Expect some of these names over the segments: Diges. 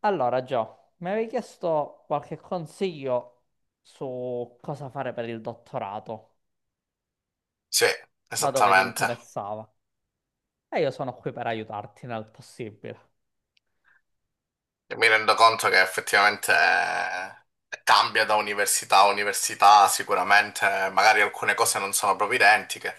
Allora, Gio, mi avevi chiesto qualche consiglio su cosa fare per il dottorato, Sì, da dove ti esattamente. interessava. E io sono qui per aiutarti nel possibile. E mi rendo conto che effettivamente cambia da università a università, sicuramente magari alcune cose non sono proprio identiche,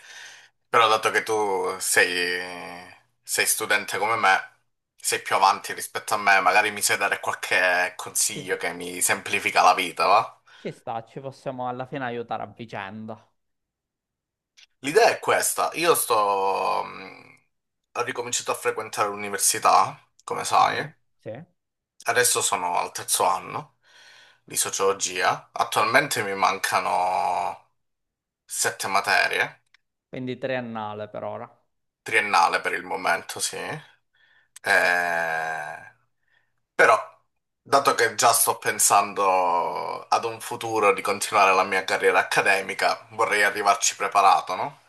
però dato che sei studente come me, sei più avanti rispetto a me, magari mi sai dare qualche Ci, consiglio che mi semplifica la vita, va? ci sta, ci possiamo alla fine aiutare a vicenda. L'idea è questa, ho ricominciato a frequentare l'università, come Ok, sai. sì. Adesso sono al terzo anno di sociologia. Attualmente mi mancano sette materie, Quindi triennale per ora, triennale per il momento, sì. Però, dato che già sto pensando ad un futuro di continuare la mia carriera accademica, vorrei arrivarci preparato, no?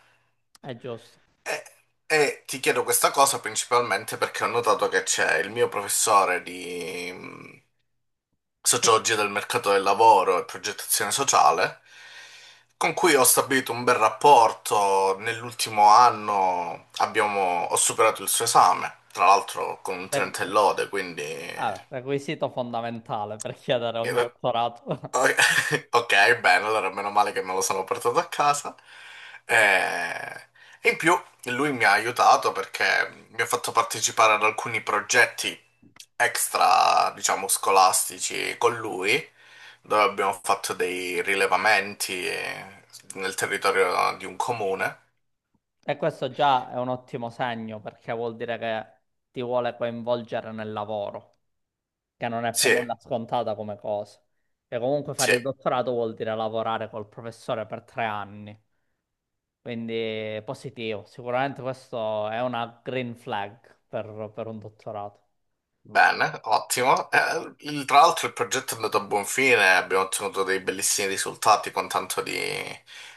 è giusto. E, e ti chiedo questa cosa principalmente perché ho notato che c'è il mio professore di sociologia del mercato del lavoro e progettazione sociale, con cui ho stabilito un bel rapporto. Nell'ultimo anno ho superato il suo esame, tra l'altro con un Re- 30 e lode, quindi... eh, Requisito fondamentale per chiedere un dottorato. o- Ok, bene, allora meno male che me lo sono portato a casa. Eh, E in più lui mi ha aiutato perché mi ha fatto partecipare ad alcuni progetti extra, diciamo, scolastici con lui, dove abbiamo fatto dei rilevamenti nel territorio di un comune. E questo già è un ottimo segno perché vuol dire che ti vuole coinvolgere nel lavoro, che non è per Sì, nulla scontata come cosa. E comunque sì. fare il dottorato vuol dire lavorare col professore per 3 anni. Quindi positivo, sicuramente questo è una green flag per un dottorato. Bene, ottimo. Tra l'altro il progetto è andato a buon fine, abbiamo ottenuto dei bellissimi risultati con tanto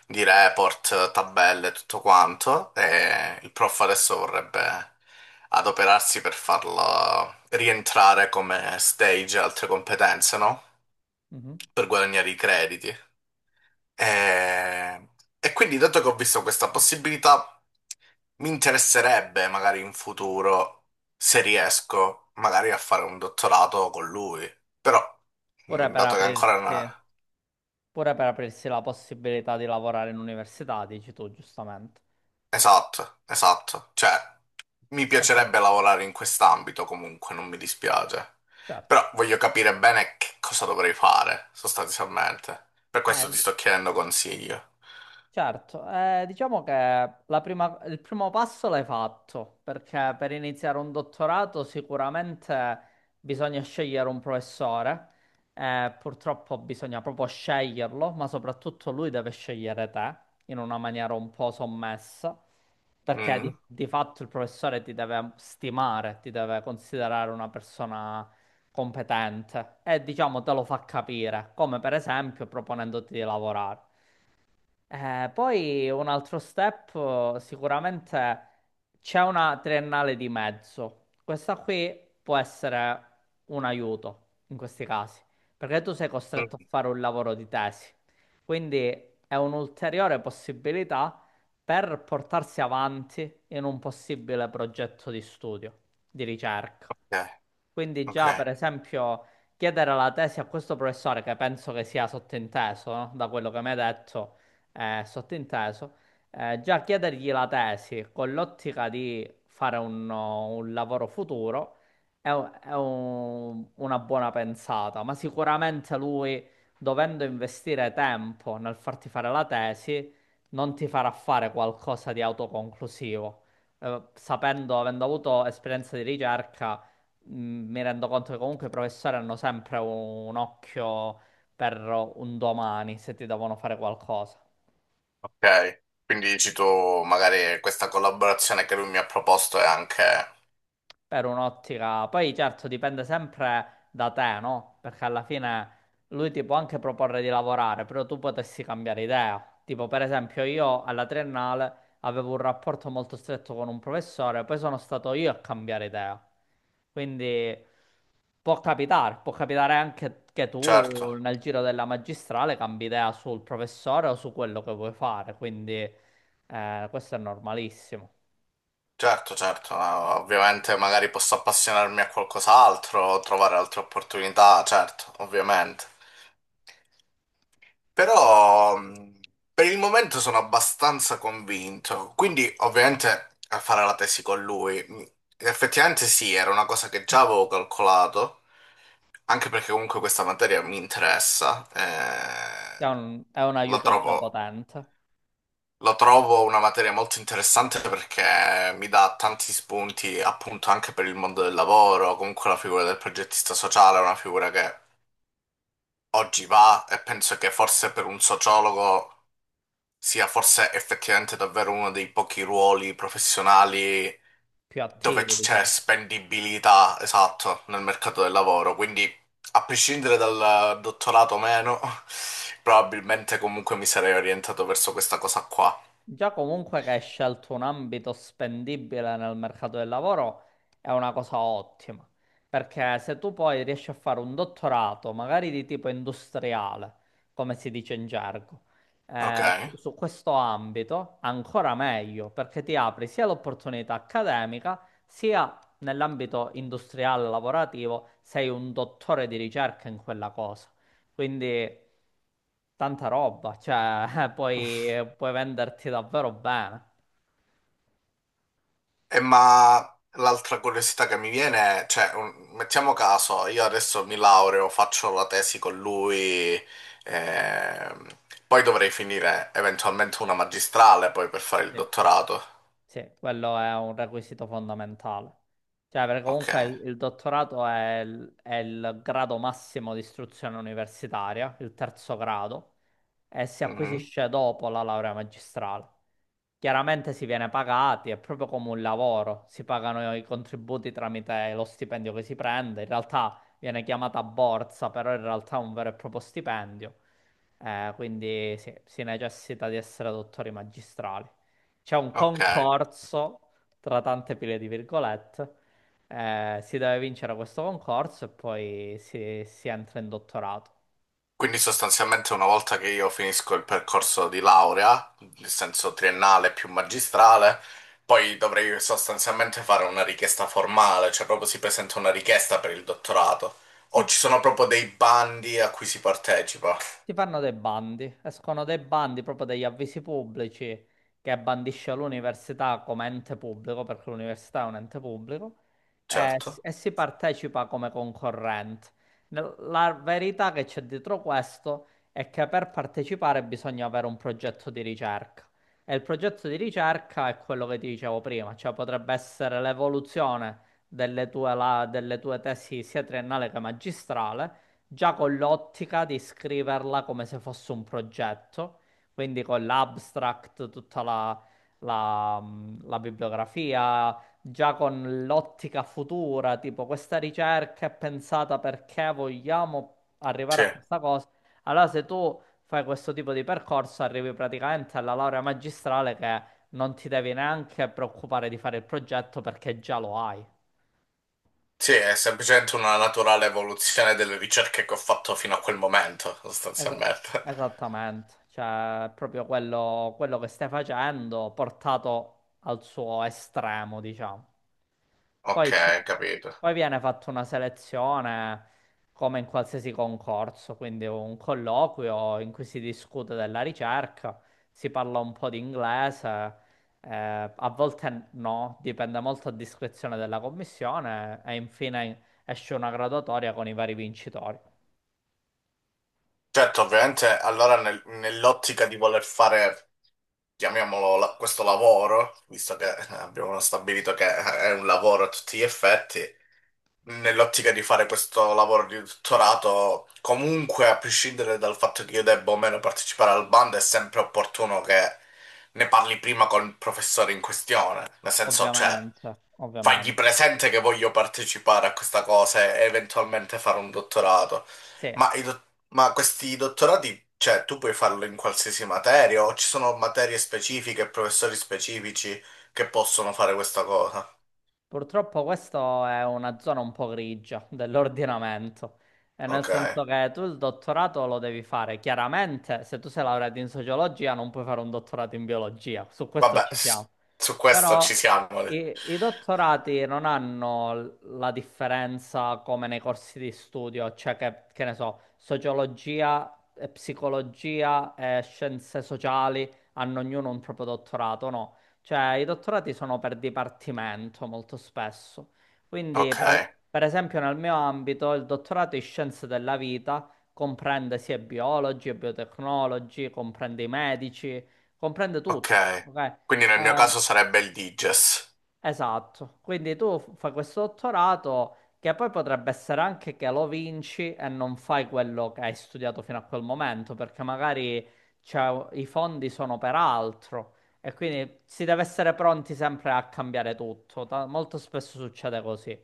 di report, tabelle, tutto quanto. E il prof adesso vorrebbe adoperarsi per farlo rientrare come stage e altre competenze, no? Mhm. Per guadagnare i crediti. E, e quindi, dato che ho visto questa possibilità, mi interesserebbe magari in futuro, se riesco, magari a fare un dottorato con lui. Però, Pure per dato che ancora... aprirsi, non- pure per aprirsi la possibilità di lavorare in università, dici tu, giustamente. esatto, esatto. Cioè, mi Sempre, piacerebbe lavorare in quest'ambito comunque, non mi dispiace. certo. Però voglio capire bene che cosa dovrei fare, sostanzialmente. Per questo Eh, ti sto chiedendo consiglio. Certo, diciamo che il primo passo l'hai fatto, perché per iniziare un dottorato sicuramente bisogna scegliere un professore, purtroppo bisogna proprio sceglierlo, ma soprattutto lui deve scegliere te in una maniera un po' sommessa, perché di, Mm? di fatto il professore ti deve stimare, ti deve considerare una persona competente e diciamo te lo fa capire, come per esempio proponendoti di lavorare. Poi un altro step, sicuramente c'è una triennale di mezzo. Questa qui può essere un aiuto in questi casi, perché tu sei costretto a Mm. fare un lavoro di tesi. Quindi è un'ulteriore possibilità per portarsi avanti in un possibile progetto di studio, di ricerca. Ok, Quindi ok. già, per esempio, chiedere la tesi a questo professore, che penso che sia sottinteso, no? Da quello che mi hai detto, sottinteso, già chiedergli la tesi con l'ottica di fare un lavoro futuro è, una buona pensata, ma sicuramente lui, dovendo investire tempo nel farti fare la tesi, non ti farà fare qualcosa di autoconclusivo. Sapendo, avendo avuto esperienza di ricerca, mi rendo conto che comunque i professori hanno sempre un occhio per un domani se ti devono fare qualcosa. Ok, quindi dici tu, magari questa collaborazione che lui mi ha proposto è anche... Per un'ottica, poi certo dipende sempre da te, no? Perché alla fine lui ti può anche proporre di lavorare, però tu potessi cambiare idea. Tipo, per esempio, io alla triennale avevo un rapporto molto stretto con un professore, poi sono stato io a cambiare idea. Quindi può capitare anche che Certo, tu nel giro della magistrale cambi idea sul professore o su quello che vuoi fare, quindi questo è normalissimo. certo, certo, ma ovviamente magari posso appassionarmi a qualcos'altro, trovare altre opportunità, certo, ovviamente. Però per il momento sono abbastanza convinto, quindi ovviamente a fare la tesi con lui. Effettivamente sì, era una cosa che già avevo calcolato, anche perché comunque questa materia mi interessa, È un la aiuto già trovo potente. Lo trovo una materia molto interessante perché mi dà tanti spunti appunto anche per il mondo del lavoro, comunque la figura del progettista sociale è una figura che oggi va e penso che forse per un sociologo sia forse effettivamente davvero uno dei pochi ruoli professionali Più dove attivi, c'è diciamo. spendibilità, esatto, nel mercato del lavoro. Quindi a prescindere dal dottorato o meno, probabilmente comunque mi sarei orientato verso questa cosa qua. Già comunque che hai scelto un ambito spendibile nel mercato del lavoro è una cosa ottima, perché se tu poi riesci a fare un dottorato, magari di tipo industriale, come si dice in gergo, Ok. Su questo ambito, ancora meglio, perché ti apri sia l'opportunità accademica, sia nell'ambito industriale lavorativo, sei un dottore di ricerca in quella cosa. Quindi tanta roba, cioè puoi venderti davvero bene. Eh, ma L'altra curiosità che mi viene è, cioè, mettiamo caso, io adesso mi laureo, faccio la tesi con lui, ehm, poi dovrei finire eventualmente una magistrale poi per fare il Sì. dottorato. Sì, quello è un requisito fondamentale. Cioè, perché Ok. comunque il dottorato è è il grado massimo di istruzione universitaria, il terzo grado, e si Mhm. acquisisce dopo la laurea magistrale. Chiaramente si viene pagati, è proprio come un lavoro, si pagano i contributi tramite lo stipendio che si prende, in realtà viene chiamata borsa, però in realtà è un vero e proprio stipendio. Quindi sì, si necessita di essere dottori magistrali. C'è un Ok. concorso tra tante pile di virgolette. Eh, si deve vincere questo concorso e poi si entra in dottorato. Quindi sostanzialmente una volta che io finisco il percorso di laurea, nel senso triennale più magistrale, poi dovrei sostanzialmente fare una richiesta formale, cioè proprio si presenta una richiesta per il dottorato. Si O ci sono proprio dei bandi a cui si partecipa. Si fanno dei bandi, escono dei bandi proprio degli avvisi pubblici che bandisce l'università come ente pubblico, perché l'università è un ente pubblico, Certo. e si partecipa come concorrente. La verità che c'è dietro questo è che per partecipare bisogna avere un progetto di ricerca. E il progetto di ricerca è quello che ti dicevo prima, cioè potrebbe essere l'evoluzione delle tue tesi sia triennale che magistrale già con l'ottica di scriverla come se fosse un progetto, quindi con l'abstract, tutta la bibliografia, già con l'ottica futura, tipo questa ricerca è pensata perché vogliamo arrivare Sì. a questa cosa. Allora, se tu fai questo tipo di percorso, arrivi praticamente alla laurea magistrale che non ti devi neanche preoccupare di fare il progetto perché già lo hai. Sì, è semplicemente una naturale evoluzione delle ricerche che ho fatto fino a quel momento, Es- sostanzialmente. Esattamente, cioè proprio quello che stai facendo portato al suo estremo, diciamo. Poi, ci- Ok, capito. Poi viene fatta una selezione come in qualsiasi concorso, quindi un colloquio in cui si discute della ricerca, si parla un po' di inglese, a volte no, dipende molto a discrezione della commissione e infine esce una graduatoria con i vari vincitori. Certo, ovviamente allora nell'ottica di voler fare, chiamiamolo questo lavoro, visto che abbiamo stabilito che è un lavoro a tutti gli effetti, nell'ottica di fare questo lavoro di dottorato, comunque a prescindere dal fatto che io debba o meno partecipare al bando, è sempre opportuno che ne parli prima con il professore in questione. Nel senso, cioè, Ovviamente, fagli ovviamente. presente che voglio partecipare a questa cosa e eventualmente fare un dottorato. Sì, Ma, questi dottorati, cioè, tu puoi farlo in qualsiasi materia o ci sono materie specifiche, professori specifici che possono fare questa cosa? purtroppo questa è una zona un po' grigia dell'ordinamento, e nel Ok. senso che tu il dottorato lo devi fare, chiaramente se tu sei laureato in sociologia non puoi fare un dottorato in biologia, su questo Vabbè, ci siamo, su questo ci però siamo. i dottorati non hanno la differenza come nei corsi di studio, cioè che ne so, sociologia e psicologia e scienze sociali hanno ognuno un proprio dottorato, no? Cioè, i dottorati sono per dipartimento molto spesso. Quindi, Ok, per esempio, nel mio ambito, il dottorato in scienze della vita comprende sia biologi e biotecnologi, comprende i medici, comprende tutti. ok. Ok? Quindi nel mio Eh, caso sarebbe il Diges. esatto, quindi tu fai questo dottorato che poi potrebbe essere anche che lo vinci e non fai quello che hai studiato fino a quel momento, perché magari i fondi sono per altro e quindi si deve essere pronti sempre a cambiare tutto. Molto spesso succede così.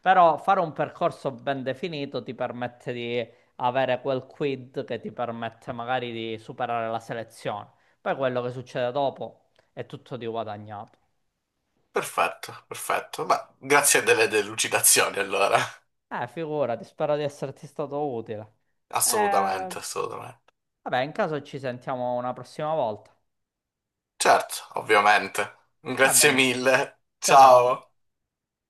Però fare un percorso ben definito ti permette di avere quel quid che ti permette magari di superare la selezione. Poi quello che succede dopo è tutto di guadagnato. Perfetto, perfetto. Ma grazie delle delucidazioni allora. Figurati, spero di esserti stato utile. Eh, Assolutamente, assolutamente. vabbè, in caso ci sentiamo una prossima volta. Certo, ovviamente. Va Grazie bene. mille. Ciao ciao. Ciao.